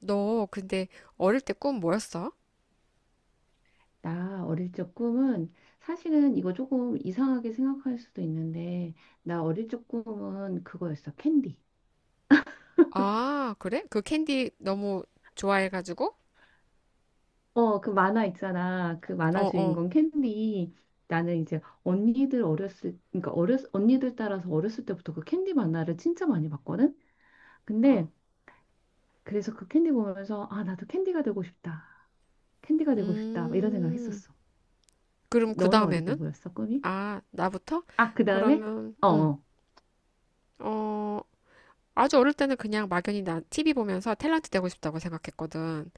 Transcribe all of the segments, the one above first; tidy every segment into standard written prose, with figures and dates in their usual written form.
너 근데 어릴 때 꿈 뭐였어? 나 어릴 적 꿈은, 사실은 이거 조금 이상하게 생각할 수도 있는데, 나 어릴 적 꿈은 그거였어, 캔디. 아, 그래? 그 캔디 너무 좋아해가지고? 그 만화 있잖아, 그 어, 만화 어, 주인공 캔디. 나는 이제 언니들 어렸을 그러니까 어렸 언니들 따라서 어렸을 때부터 그 캔디 만화를 진짜 많이 봤거든. 어. 근데 그래서 그 캔디 보면서, 아, 나도 캔디가 되고 싶다, 캔디가 되고 싶다 막 이런 생각 음, 했었어. 그럼 그 너는 어릴 때 다음에는? 뭐였어 꿈이? 아, 나부터? 아, 그 다음에. 그러면, 어어. 어, 아주 어릴 때는 그냥 막연히 나 TV 보면서 탤런트 되고 싶다고 생각했거든.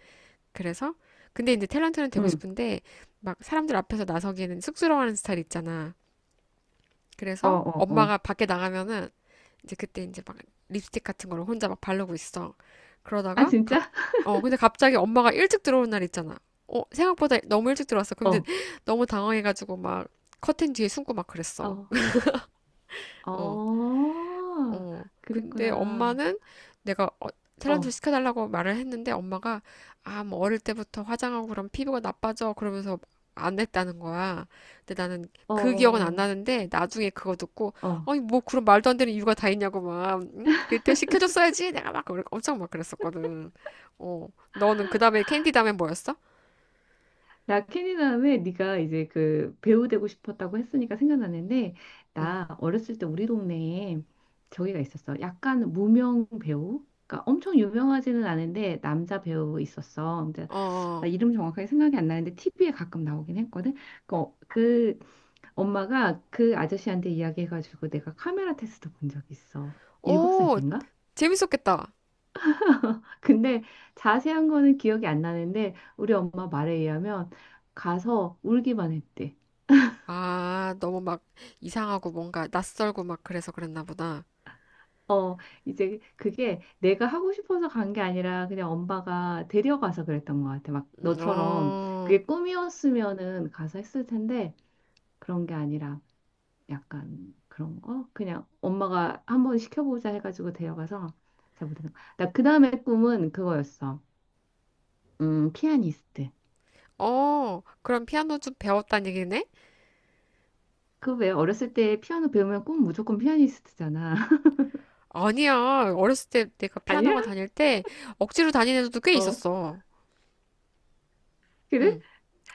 그래서? 근데 이제 탤런트는 되고 응. 싶은데, 막 사람들 앞에서 나서기에는 쑥스러워하는 스타일 있잖아. 어 그래서 어 어. 엄마가 밖에 나가면은 이제 그때 이제 막 립스틱 같은 걸 혼자 막 바르고 있어. 아, 그러다가 갑, 진짜? 어, 근데 갑자기 엄마가 일찍 들어오는 날 있잖아. 어, 생각보다 너무 일찍 들어왔어. 근데 어. 너무 당황해가지고 막 커튼 뒤에 숨고 막 그랬어. 어. 어. 어, 어, 근데 그랬구나. 엄마는 내가 어, 어, 탤런트를 어, 시켜달라고 말을 했는데 엄마가 아, 뭐 어릴 때부터 화장하고 그럼 피부가 나빠져 그러면서 안 했다는 거야. 근데 나는 그 기억은 안 어, 나는데 나중에 그거 듣고 어. 어. 아니 뭐 그런 말도 안 되는 이유가 다 있냐고 막 응? 그때 시켜줬어야지 내가 막 엄청 막 그랬었거든. 어, 너는 그 다음에 캔디 다음에 뭐였어? 나 캐니다음에 네가 이제 그 배우 되고 싶었다고 했으니까 생각나는데, 응, 나 어렸을 때 우리 동네에 저기가 있었어. 약간 무명 배우? 그러니까 엄청 유명하지는 않은데 남자 배우 있었어. 근데 어, 나 어. 이름 정확하게 생각이 안 나는데 TV에 가끔 나오긴 했거든. 그, 어- 그 엄마가 그 아저씨한테 이야기해가지고 내가 카메라 테스트 본 적 있어. 7살 오, 땐가? 재밌었겠다. 근데 자세한 거는 기억이 안 나는데 우리 엄마 말에 의하면 가서 울기만 했대. 아, 너무 막 이상하고 뭔가 낯설고 막 그래서 그랬나 보다. 어, 이제 그게 내가 하고 싶어서 간 게 아니라 그냥 엄마가 데려가서 그랬던 것 같아. 막 너처럼. 어, 그게 꿈이었으면은 가서 했을 텐데, 그런 게 아니라 약간 그런 거? 그냥 엄마가 한번 시켜보자 해가지고 데려가서 잘 못했던 거. 나그 다음에 꿈은 그거였어. 피아니스트. 어, 그럼 피아노 좀 배웠다는 얘기네? 그 왜 어렸을 때 피아노 배우면 꿈 무조건 피아니스트잖아. 아니야. 어렸을 때 내가 피아노가 다닐 때 억지로 다니는 애들도 꽤 어, 있었어. 그래? 응.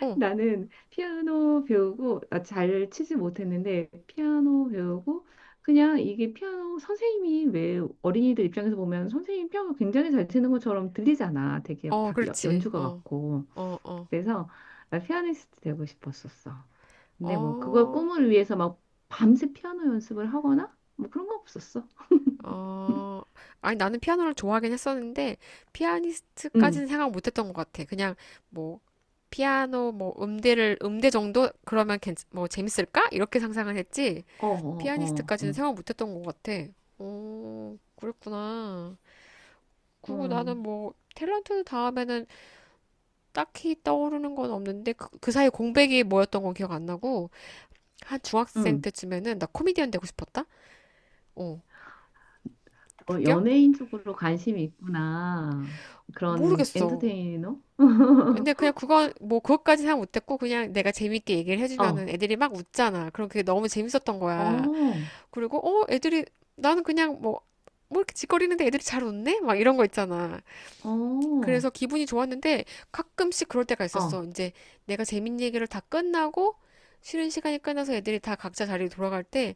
어, 나는 피아노 배우고, 아, 잘 치지 못했는데, 피아노 배우고, 그냥 이게 피아노 선생님이 왜 어린이들 입장에서 보면 선생님 피아노 굉장히 잘 치는 것처럼 들리잖아. 되게 어, 다 그렇지. 연주가 어, 같고. 어, 어, 그래서 나 피아니스트 되고 싶었었어. 근데 뭐 그걸 어, 꿈을 위해서 막 밤새 피아노 연습을 하거나 뭐 그런 거 없었어. 어. 아니, 나는 피아노를 좋아하긴 했었는데, 응. 피아니스트까지는 생각 못 했던 것 같아. 그냥, 뭐, 피아노, 뭐, 음대를, 음대 정도? 그러면 괜, 뭐, 재밌을까? 이렇게 상상을 했지. 어, 어, 어, 피아니스트까지는 어, 생각 못 했던 것 같아. 오, 그랬구나. 그리고 어, 나는 뭐 탤런트 다음에는 딱히 떠오르는 건 없는데 그 사이 공백이 뭐였던 건 기억 안 나고 한 중학생 응. 때쯤에는 나 코미디언 되고 싶었다? 어, 어, 웃겨? 연예인 쪽으로 관심이 있구나. 그런 모르겠어. 엔터테이너? 근데 그냥 그건 뭐 그것까지 생각 못했고 그냥 내가 재밌게 얘기를 어, 해주면은 애들이 막 웃잖아. 그럼 그게 너무 재밌었던 거야. 어, 그리고 어 애들이 나는 그냥 뭐 뭐 이렇게 짓거리는데 애들이 잘 웃네? 막 이런 거 있잖아. 어, 그래서 기분이 좋았는데 가끔씩 그럴 때가 있었어. 어, 이제 내가 재밌는 얘기를 다 끝나고 쉬는 시간이 끝나서 애들이 다 각자 자리로 돌아갈 때,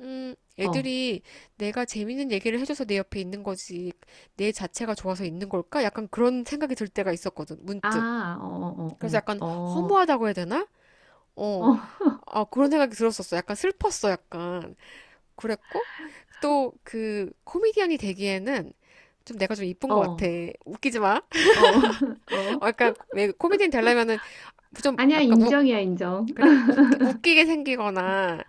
어. 애들이 내가 재밌는 얘기를 해줘서 내 옆에 있는 거지, 내 자체가 좋아서 있는 걸까? 약간 그런 생각이 들 때가 있었거든, 문득. 아, 어, 그래서 약간 어, 어, 허무하다고 해야 되나? 어, 어, 아, 그런 생각이 들었었어. 약간 슬펐어, 약간. 그랬고, 또 그 코미디언이 되기에는 좀 내가 좀 이쁜 어, 어, 것 같아. 어, 웃기지 마. 어. 어. 아까 왜 코미디인 되려면은 좀 아니야, 약간 우 인정이야, 인정. 그래 웃기게 생기거나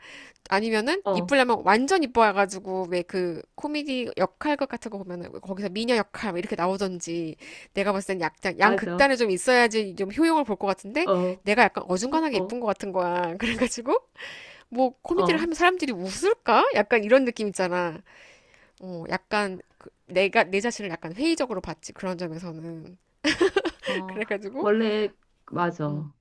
아니면은 어, 이쁘려면 완전 이뻐가지고 왜 그 코미디 역할 것 같은 거 보면은 거기서 미녀 역할 뭐 이렇게 나오던지 내가 봤을 땐 약간 맞아. 양극단에 좀 있어야지 좀 효용을 볼 것 같은데 어, 내가 약간 어중간하게 어, 이쁜 것 같은 거야 그래가지고 뭐 코미디를 어, 하면 사람들이 웃을까 약간 이런 느낌 있잖아 어 약간 그 내가 내 자신을 약간 회의적으로 봤지 그런 점에서는 어. 그래가지고 원래, 음. 맞아.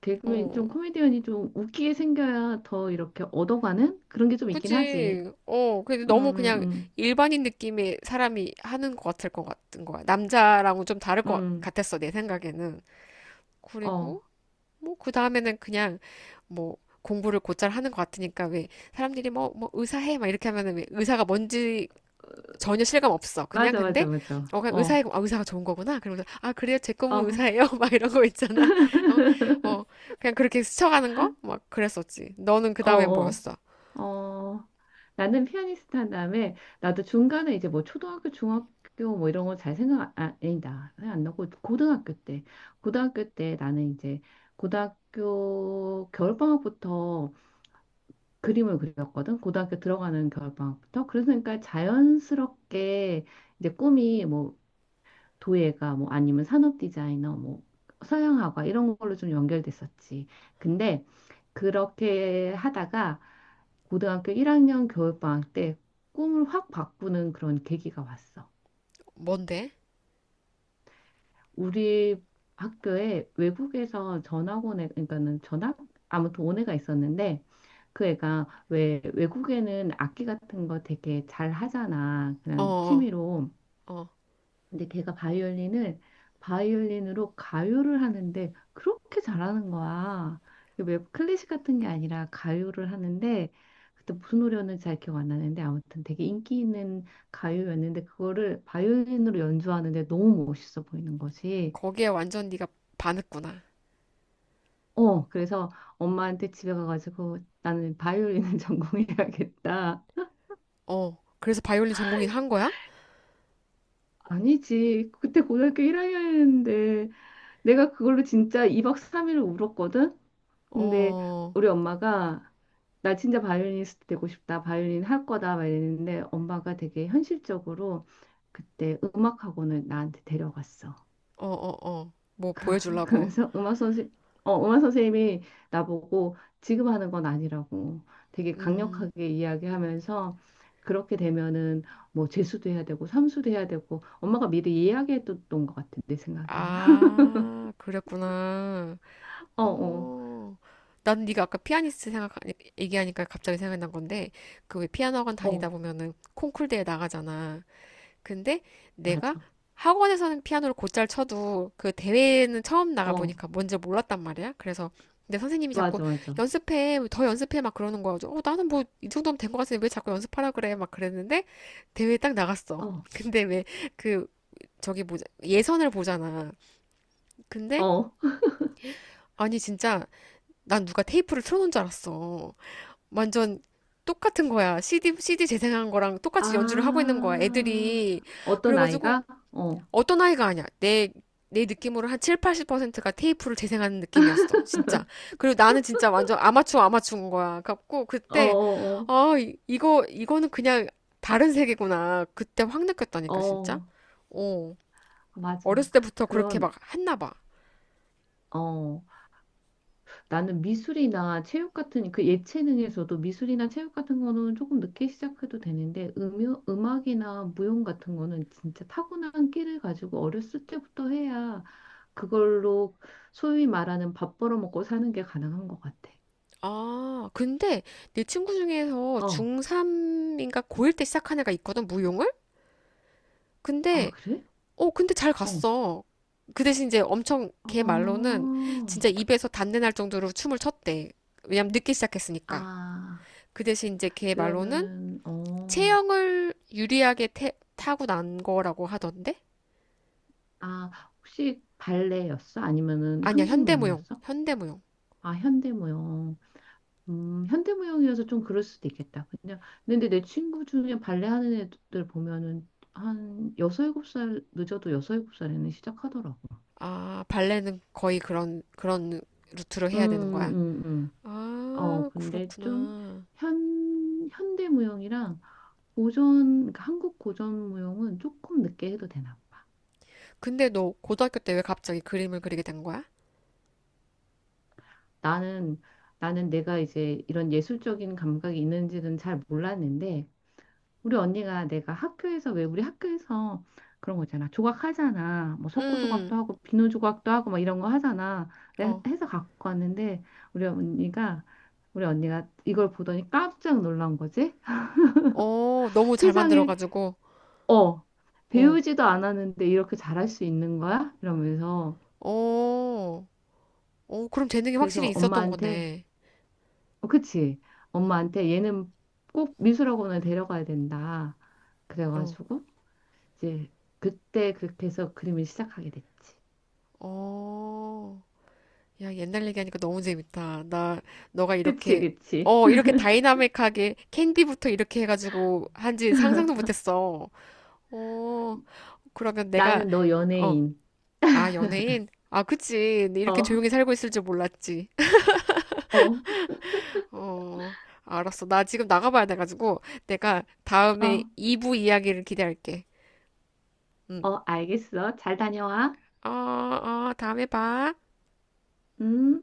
개그맨, 어, 좀 코미디언이 좀 웃기게 생겨야 더 이렇게 얻어가는 그런 게 좀 있긴 하지. 그지? 어, 근데 음, 너무 그냥 음, 일반인 느낌의 사람이 하는 것 같을 것 같은 거야. 남자랑은 좀 다를 음, 것 음, 같았어, 내 생각에는. 어. 그리고, 뭐, 그 다음에는 그냥, 뭐, 공부를 곧잘 하는 것 같으니까, 왜, 사람들이 뭐, 의사해, 막 이렇게 하면은 왜, 의사가 뭔지 전혀 실감 없어. 그냥 맞아, 근데, 맞아, 맞아. 어, 그냥 의사해, 어, 아, 의사가 좋은 거구나. 그러면서, 아, 그래요? 제 꿈은 어, 의사예요? 막 이런 거 있잖아. 어, 어, 그냥 그렇게 스쳐가는 거? 막 그랬었지. 너는 그 어, 다음에 어, 뭐였어? 어. 나는 피아니스트 한 다음에 나도 중간에 이제 뭐 초등학교, 중학교 뭐 이런 거 잘 생각, 아, 아니다. 생각 안 나고 고등학교 때. 고등학교 때 나는 이제 고등학교 겨울방학부터 그림을 그렸거든. 고등학교 들어가는 겨울방학부터. 그러니까 자연스럽게 이제 꿈이 뭐 도예가 뭐 아니면 산업 디자이너 뭐 서양화가 이런 걸로 좀 연결됐었지. 근데 그렇게 하다가 고등학교 1학년 겨울방학 때 꿈을 확 바꾸는 그런 계기가 왔어. 뭔데? 우리 학교에 외국에서 전학 온 애, 그러니까는 전학 아무튼 온 애가 있었는데 그 애가 왜 외국에는 악기 같은 거 되게 잘 하잖아. 그냥 어, 취미로. 어. 근데 걔가 바이올린을 바이올린으로 가요를 하는데 그렇게 잘하는 거야. 이게 왜 클래식 같은 게 아니라 가요를 하는데, 그때 무슨 노래였는지 잘 기억 안 나는데, 아무튼 되게 인기 있는 가요였는데 그거를 바이올린으로 연주하는데 너무 멋있어 보이는 거지. 거기에 완전 네가 반했구나. 어, 그래서 엄마한테 집에 가가지고 나는 바이올린을 전공해야겠다. 어, 그래서 바이올린 전공인 한 거야? 아니지. 그때 고등학교 1학년이었는데 내가 그걸로 진짜 2박 3일 울었거든. 근데 어, 우리 엄마가, 나 진짜 바이올리니스트 되고 싶다, 바이올린 할 거다 막 이랬는데, 엄마가 되게 현실적으로 그때 음악 학원을 나한테 데려갔어. 어, 어, 어. 뭐 보여주려고. 그래서 음악 선생님이 나보고 지금 하는 건 아니라고 되게 음, 강력하게 이야기하면서, 그렇게 되면은 뭐 재수도 해야 되고 삼수도 해야 되고, 엄마가 미리 이야기해뒀던 것 같아 내 생각에는. 아, 그랬구나. 어, 어, 어, 난 네가 아까 피아니스트 생각 얘기하니까 갑자기 생각난 건데 그 왜 피아노 학원 다니다 어, 보면은 콩쿨 대회 나가잖아. 근데 내가 맞아. 학원에서는 피아노를 곧잘 쳐도 그 대회는 처음 어, 나가보니까 뭔지 몰랐단 말이야. 그래서 근데 선생님이 자꾸 맞아, 맞아. 연습해, 더 연습해 막 그러는 거야. 어, 나는 뭐 이 정도면 된 것 같은데 왜 자꾸 연습하라 그래? 막 그랬는데 대회에 딱 나갔어. 어, 근데 왜 그 저기 뭐 예선을 보잖아. 근데 어. 아니 진짜 난 누가 테이프를 틀어놓은 줄 알았어. 완전 똑같은 거야. CD 재생한 거랑 똑같이 연주를 하고 있는 거야. 아, 애들이. 어떤 그래가지고 아이가? 어, 어떤 아이가 아니야. 내 느낌으로 한 7, 80%가 테이프를 재생하는 느낌이었어. 진짜. 그리고 나는 진짜 완전 아마추어 아마추어인 거야. 갖고 어, 그때, 어, 아, 이거는 그냥 다른 세계구나. 그때 확 어, 느꼈다니까, 진짜. 어, 어. 아, 맞아. 어렸을 때부터 그렇게 그런, 막 했나 봐. 어, 나는 미술이나 체육 같은, 그 예체능에서도 미술이나 체육 같은 거는 조금 늦게 시작해도 되는데, 음악이나 무용 같은 거는 진짜 타고난 끼를 가지고 어렸을 때부터 해야 그걸로 소위 말하는 밥 벌어먹고 사는 게 가능한 것 같아. 아, 근데 내 친구 중에서 어, 중3인가 고1 때 시작한 애가 있거든, 무용을? 아, 근데 그래? 어, 근데 잘 어, 갔어. 그 대신 이제 엄청 걔 말로는 아, 진짜 입에서 단내 날 정도로 춤을 췄대. 왜냐면 늦게 시작했으니까. 아. 그 대신 이제 걔 말로는 그러면은 어, 체형을 유리하게 타고 난 거라고 하던데? 아, 혹시 발레였어? 아니면은 아니야, 한국 현대무용. 무용이었어? 현대무용. 아, 현대 무용. 현대 무용이어서 좀 그럴 수도 있겠다. 그냥 근데 내 친구 중에 발레 하는 애들 보면은 한 여섯 일곱 살, 늦어도 여섯 일곱 살에는 시작하더라고. 아, 발레는 거의 그런 루트로 음, 해야 되는 거야. 음, 음. 어, 아, 근데 좀 그렇구나. 현대 무용이랑 고전, 그러니까 한국 고전 무용은 조금 늦게 해도 되나 봐. 근데 너 고등학교 때 왜 갑자기 그림을 그리게 된 거야? 나는 나는 내가 이제 이런 예술적인 감각이 있는지는 잘 몰랐는데 우리 언니가, 내가 학교에서 왜 우리 학교에서 그런 거 있잖아, 조각하잖아. 뭐 석고 조각도 음, 하고 비누 조각도 하고 막 이런 거 하잖아. 내가 어, 해서 갖고 왔는데 우리 언니가 우리 언니가 이걸 보더니 깜짝 놀란 거지. 어, 너무 잘 세상에, 만들어가지고, 어, 어. 배우지도 않았는데 이렇게 잘할 수 있는 거야? 이러면서 어, 어, 그럼 재능이 그래서 확실히 있었던 엄마한테, 거네. 어, 그치, 응, 엄마한테, 얘는 꼭 미술학원을 데려가야 된다. 어, 그래가지고 이제 그때 그렇게 해서 그림을 시작하게 됐지. 어. 야, 옛날 얘기하니까 너무 재밌다. 나, 너가 그치, 이렇게, 그치. 어, 이렇게 다이나믹하게 캔디부터 이렇게 해가지고 한지 상상도 못했어. 어, 그러면 내가, 나는 너 어, 연예인. 아, 연예인? 아, 그치. 네, 이렇게 어, 조용히 살고 있을 줄 몰랐지. 어, 어, 알았어. 나 지금 나가봐야 돼가지고 내가 다음에 어, 2부 이야기를 기대할게. 응. 어, 알겠어. 잘 다녀와. 어, 어, 다음에 봐. 음.